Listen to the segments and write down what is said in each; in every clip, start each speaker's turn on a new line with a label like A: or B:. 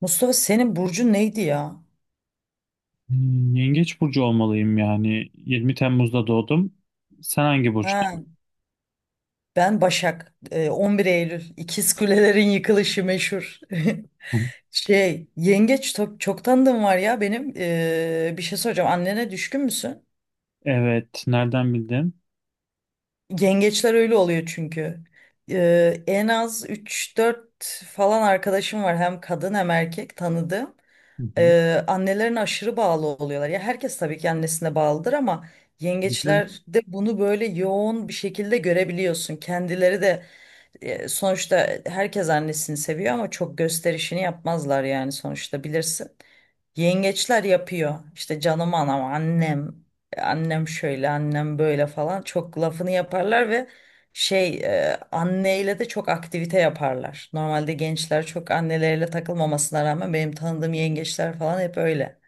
A: Mustafa senin burcun neydi ya?
B: Yengeç burcu olmalıyım yani. 20 Temmuz'da doğdum. Sen hangi
A: Ha,
B: burçtun?
A: ben Başak. 11 Eylül. İkiz Kulelerin yıkılışı meşhur.
B: Hı hı.
A: Çok tanıdığım var ya benim. Bir şey soracağım. Annene düşkün müsün?
B: Evet, nereden bildin?
A: Yengeçler öyle oluyor çünkü. En az üç dört falan arkadaşım var hem kadın hem erkek tanıdığım.
B: Hı hı.
A: Annelerine aşırı bağlı oluyorlar. Ya herkes tabii ki annesine bağlıdır ama
B: Tabii canım.
A: yengeçlerde bunu böyle yoğun bir şekilde görebiliyorsun. Kendileri de sonuçta herkes annesini seviyor ama çok gösterişini yapmazlar yani sonuçta bilirsin. Yengeçler yapıyor. İşte canım anam, annem, annem şöyle, annem böyle falan çok lafını yaparlar ve şey anneyle de çok aktivite yaparlar. Normalde gençler çok anneleriyle takılmamasına rağmen benim tanıdığım yengeçler falan hep öyle.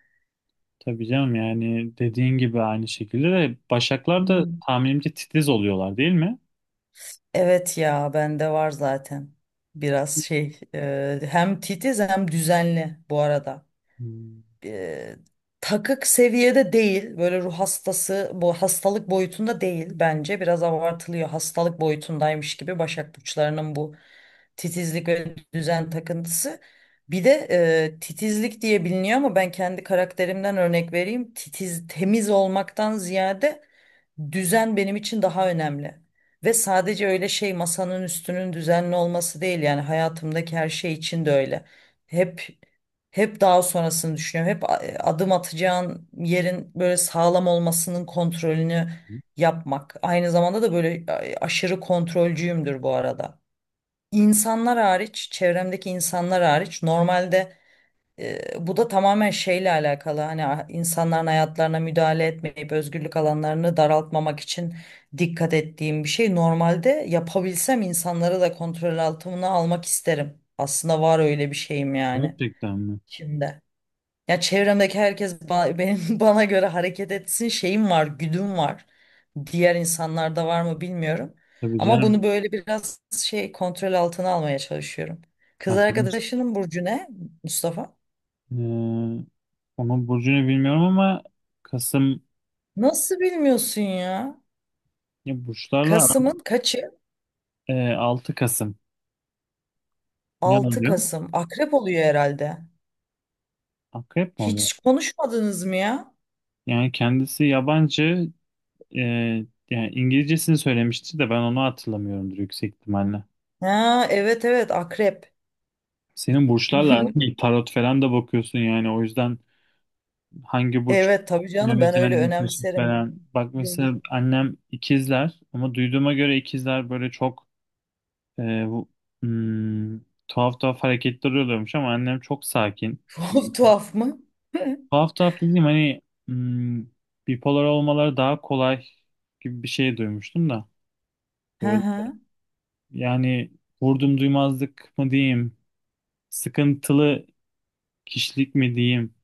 B: Tabii canım, yani dediğin gibi aynı şekilde de Başaklar da
A: Hmm.
B: tahminimce titiz oluyorlar, değil mi?
A: Evet ya bende var zaten biraz hem titiz hem düzenli bu arada.
B: Hmm,
A: e, Takık seviyede değil. Böyle ruh hastası, bu hastalık boyutunda değil bence. Biraz abartılıyor. Hastalık boyutundaymış gibi Başak burçlarının bu titizlik ve düzen takıntısı. Bir de titizlik diye biliniyor ama ben kendi karakterimden örnek vereyim. Titiz, temiz olmaktan ziyade düzen benim için daha önemli. Ve sadece öyle masanın üstünün düzenli olması değil yani hayatımdaki her şey için de öyle. Hep hep daha sonrasını düşünüyorum. Hep adım atacağın yerin böyle sağlam olmasının kontrolünü yapmak. Aynı zamanda da böyle aşırı kontrolcüyümdür bu arada. İnsanlar hariç, çevremdeki insanlar hariç normalde bu da tamamen şeyle alakalı. Hani insanların hayatlarına müdahale etmeyip özgürlük alanlarını daraltmamak için dikkat ettiğim bir şey. Normalde yapabilsem insanları da kontrol altına almak isterim. Aslında var öyle bir şeyim yani
B: Gerçekten mi?
A: şimdi. Ya çevremdeki herkes benim bana göre hareket etsin şeyim var, güdüm var. Diğer insanlarda var mı bilmiyorum.
B: Tabii
A: Ama
B: canım.
A: bunu böyle biraz kontrol altına almaya çalışıyorum. Kız
B: Aklımız.
A: arkadaşının burcu ne Mustafa?
B: Ee, Onun burcunu bilmiyorum ama Kasım.
A: Nasıl bilmiyorsun ya?
B: ya burçlarla
A: Kasım'ın
B: aram-
A: kaçı?
B: 6 Kasım. Ne
A: altı
B: oluyor?
A: Kasım. Akrep oluyor herhalde.
B: Akrep mi oluyor?
A: Hiç konuşmadınız mı ya?
B: Yani kendisi yabancı. Ee, Yani İngilizcesini söylemişti de ben onu hatırlamıyorumdur yüksek ihtimalle.
A: Ha, evet, evet, akrep.
B: Senin burçlarla aran iyi. Tarot falan da bakıyorsun yani, o yüzden hangi burç
A: Evet tabii canım
B: ne
A: ben öyle
B: özelliği taşır
A: önemserim.
B: falan. Bak mesela annem ikizler, ama duyduğuma göre ikizler böyle çok e, bu- hmm, tuhaf tuhaf hareketler oluyormuş, ama annem çok sakin.
A: Tuhaf tuhaf mı?
B: Tuhaf tuhaf dediğim, hani, hmm, bipolar olmaları daha kolay gibi bir şey duymuştum da.
A: Hı
B: Böyle,
A: hı.
B: yani, vurdum duymazlık mı diyeyim, sıkıntılı kişilik mi diyeyim,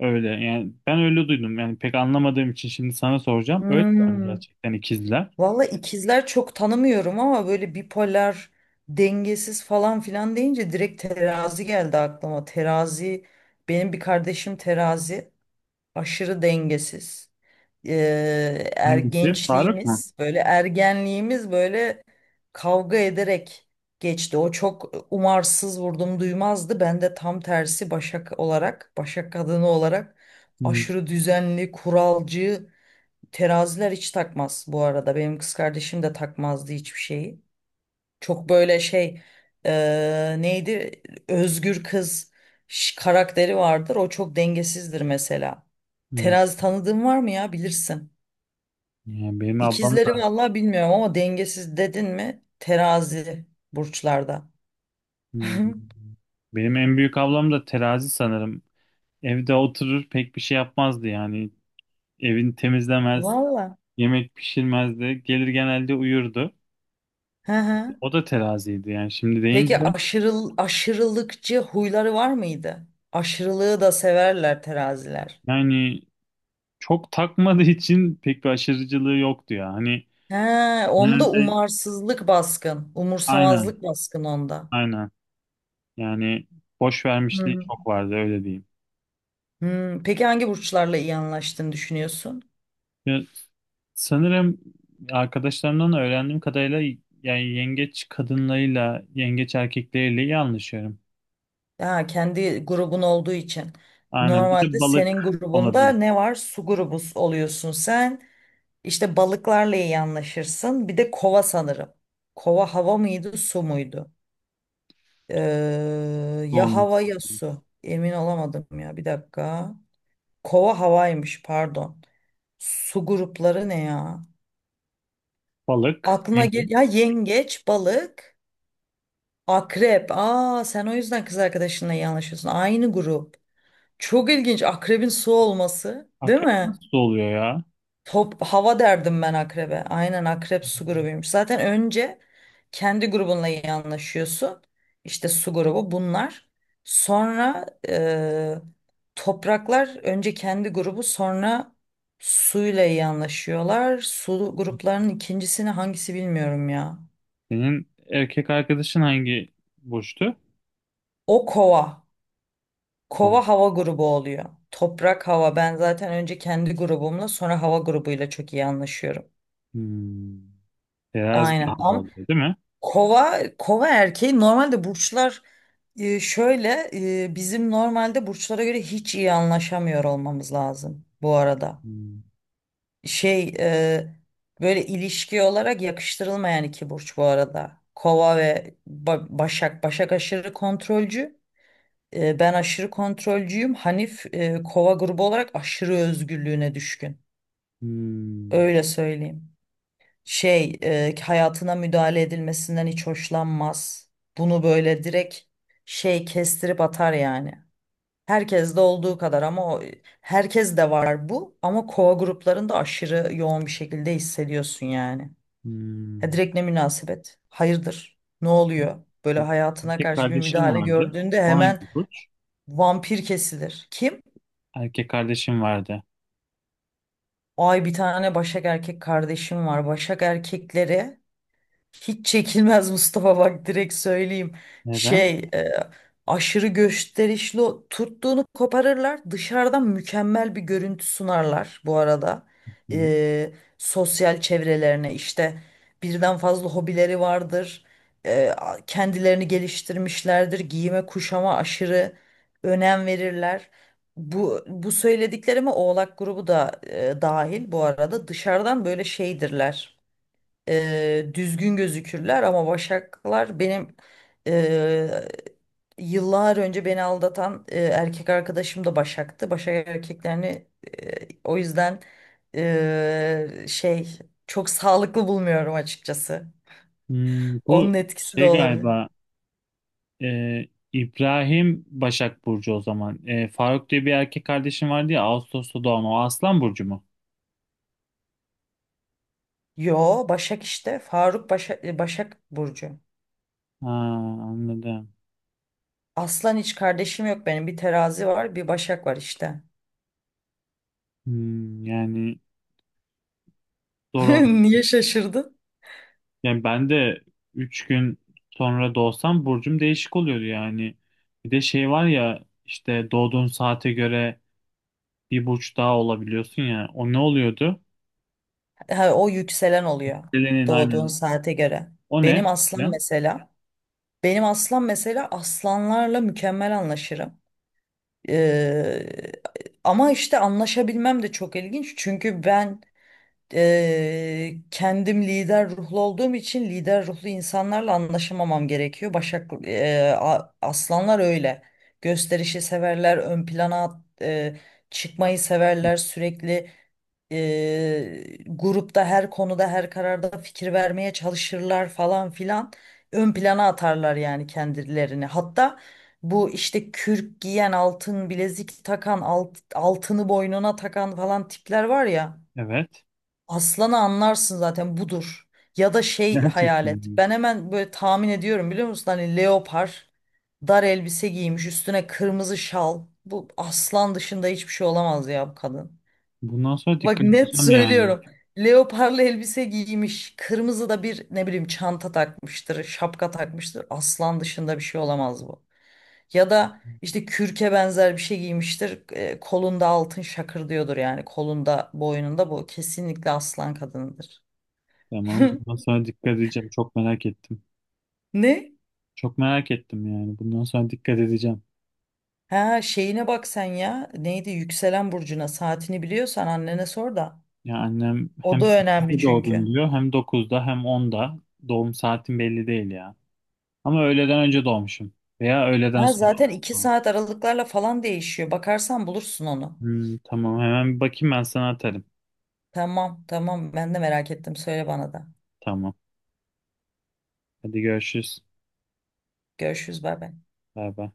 B: öyle. Yani ben öyle duydum. Yani pek anlamadığım için şimdi sana soracağım. Öyle mi
A: Hmm.
B: gerçekten ikizler?
A: Valla ikizler çok tanımıyorum ama böyle bipolar, dengesiz falan filan deyince direkt terazi geldi aklıma. Terazi, benim bir kardeşim terazi, aşırı dengesiz. Ee, er
B: Hangisi? Faruk mu?
A: gençliğimiz, böyle ergenliğimiz böyle kavga ederek geçti. O çok umarsız vurdum duymazdı. Ben de tam tersi Başak olarak, Başak kadını olarak
B: Hmm,
A: aşırı düzenli, kuralcı. Teraziler hiç takmaz bu arada. Benim kız kardeşim de takmazdı hiçbir şeyi. Çok böyle neydi? Özgür kız karakteri vardır. O çok dengesizdir mesela.
B: hmm.
A: Terazi tanıdığın var mı ya? Bilirsin.
B: Yani benim ablam
A: İkizleri
B: da.
A: vallahi bilmiyorum ama dengesiz dedin mi? Terazi burçlarda.
B: hmm. Benim en büyük ablam da terazi sanırım. Evde oturur, pek bir şey yapmazdı yani. Evini temizlemez,
A: Valla.
B: yemek pişirmezdi. Gelir genelde uyurdu.
A: Hı hı.
B: O da teraziydi yani, şimdi deyince,
A: Peki aşırılıkçı huyları var mıydı? Aşırılığı da severler teraziler.
B: yani çok takmadığı için pek bir aşırıcılığı yoktu ya. Hani,
A: He, onda
B: genelde.
A: umarsızlık baskın,
B: Aynen,
A: umursamazlık baskın onda.
B: aynen. Yani boş
A: Hı
B: vermişliği
A: hı.
B: çok vardı, öyle diyeyim.
A: Hmm, peki hangi burçlarla iyi anlaştığını düşünüyorsun?
B: Ya, sanırım arkadaşlarımdan öğrendiğim kadarıyla, yani yengeç kadınlarıyla, yengeç erkekleriyle iyi anlaşıyorum.
A: Ha, kendi grubun olduğu için.
B: Aynen. Bir de
A: Normalde
B: balık
A: senin grubunda
B: olabilir.
A: ne var? Su grubu oluyorsun sen. İşte balıklarla iyi anlaşırsın. Bir de kova sanırım. Kova hava mıydı, su muydu? Ee,
B: Bu
A: Ya
B: olması
A: hava ya
B: lazım.
A: su. Emin olamadım ya. Bir dakika. Kova havaymış, pardon. Su grupları ne ya?
B: Balık,
A: Aklına gel ya
B: yengeç.
A: yengeç, balık, akrep. Aa sen o yüzden kız arkadaşınla iyi anlaşıyorsun. Aynı grup. Çok ilginç akrebin su olması, değil
B: Akrep
A: mi?
B: nasıl oluyor ya?
A: Top hava derdim ben akrebe. Aynen akrep su grubuymuş. Zaten önce kendi grubunla iyi anlaşıyorsun. İşte su grubu bunlar. Sonra topraklar önce kendi grubu sonra suyla iyi anlaşıyorlar. Su gruplarının ikincisini hangisi bilmiyorum ya.
B: Senin erkek arkadaşın hangi burçtu?
A: O kova.
B: Kol.
A: Kova hava grubu oluyor. Toprak hava. Ben zaten önce kendi grubumla sonra hava grubuyla çok iyi anlaşıyorum.
B: Hmm. Terazi
A: Aynen.
B: daha
A: Ama
B: oluyor, değil mi?
A: kova erkeği normalde burçlar şöyle bizim normalde burçlara göre hiç iyi anlaşamıyor olmamız lazım bu arada.
B: Hmm.
A: Şey e, Böyle ilişki olarak yakıştırılmayan iki burç bu arada. Kova ve Başak. Başak aşırı kontrolcü. Ben aşırı kontrolcüyüm. Hanif kova grubu olarak aşırı özgürlüğüne düşkün.
B: Hmm.
A: Öyle söyleyeyim. Hayatına müdahale edilmesinden hiç hoşlanmaz. Bunu böyle direkt kestirip atar yani. Herkes de olduğu kadar ama herkes de var bu ama kova gruplarında aşırı yoğun bir şekilde hissediyorsun yani. Ya
B: Hmm.
A: direkt ne münasebet? Hayırdır? Ne oluyor? Böyle hayatına
B: Erkek
A: karşı bir
B: kardeşim
A: müdahale
B: vardı.
A: gördüğünde
B: O hangi
A: hemen
B: burç?
A: vampir kesilir. Kim?
B: Erkek kardeşim vardı.
A: Ay bir tane Başak erkek kardeşim var. Başak erkekleri hiç çekilmez. Mustafa, bak direkt söyleyeyim.
B: Neden?
A: Şey e, Aşırı gösterişli tuttuğunu koparırlar. Dışarıdan mükemmel bir görüntü sunarlar bu arada.
B: Hı.
A: E, Sosyal çevrelerine işte birden fazla hobileri vardır. Kendilerini geliştirmişlerdir. Giyime kuşama aşırı önem verirler. Bu söylediklerime Oğlak grubu da dahil bu arada dışarıdan böyle şeydirler, düzgün gözükürler ama başaklar benim e, yıllar önce beni aldatan erkek arkadaşım da başaktı. Başak erkeklerini o yüzden e, şey çok sağlıklı bulmuyorum açıkçası.
B: Bu,
A: Onun etkisi de
B: şey,
A: olabilir.
B: galiba e, İbrahim Başak Burcu o zaman. Faruk diye bir erkek kardeşim vardı ya, Ağustos'ta doğan, o Aslan Burcu mu?
A: Yo Başak işte Faruk Başak, Başak Burcu.
B: Ha, anladım.
A: Aslan hiç kardeşim yok benim. Bir terazi var, bir Başak var işte.
B: Yani doğru.
A: Niye şaşırdın?
B: Yani ben de 3 gün sonra doğsam burcum değişik oluyordu yani. Bir de şey var ya, işte doğduğun saate göre bir burç daha olabiliyorsun ya. O ne oluyordu?
A: Ha, o yükselen oluyor
B: Selen'in
A: doğduğun
B: aynı.
A: saate göre.
B: O
A: Benim
B: ne?
A: aslan
B: Ya,
A: mesela, benim aslan mesela, aslanlarla mükemmel anlaşırım. Ee, Ama işte anlaşabilmem de çok ilginç çünkü ben kendim lider ruhlu olduğum için lider ruhlu insanlarla anlaşamamam gerekiyor. Başak aslanlar öyle. Gösterişi severler, ön plana çıkmayı severler, sürekli grupta her konuda her kararda fikir vermeye çalışırlar falan filan. Ön plana atarlar yani kendilerini. Hatta bu işte kürk giyen, altın bilezik takan, altını boynuna takan falan tipler var ya.
B: evet.
A: Aslanı anlarsın zaten budur. Ya da hayal
B: Gerçekten
A: et.
B: mi?
A: Ben hemen böyle tahmin ediyorum biliyor musun? Hani leopar, dar elbise giymiş, üstüne kırmızı şal. Bu aslan dışında hiçbir şey olamaz ya bu kadın.
B: Bundan sonra
A: Bak
B: dikkat
A: net
B: edeceğim yani.
A: söylüyorum. Leoparlı elbise giymiş, kırmızı da bir ne bileyim çanta takmıştır, şapka takmıştır. Aslan dışında bir şey olamaz bu. Ya da işte kürke benzer bir şey giymiştir. Kolunda altın şakır diyordur yani kolunda, boynunda bu kesinlikle aslan kadınıdır.
B: Tamam. Bundan sonra dikkat edeceğim. Çok merak ettim.
A: Ne?
B: Çok merak ettim yani. Bundan sonra dikkat edeceğim.
A: Ha şeyine bak sen ya. Neydi yükselen burcuna saatini biliyorsan annene sor da.
B: Ya, annem
A: O
B: hem
A: da önemli
B: 8'de doğdum
A: çünkü.
B: diyor, hem 9'da, hem 10'da. Doğum saatim belli değil ya. Ama öğleden önce doğmuşum. Veya öğleden
A: Ha
B: sonra.
A: zaten 2 saat aralıklarla falan değişiyor. Bakarsan bulursun onu.
B: Tamam, hemen bir bakayım, ben sana atarım.
A: Tamam, tamam, ben de merak ettim. Söyle bana da.
B: Tamam. Hadi görüşürüz.
A: Görüşürüz, bay bay.
B: Bay bay.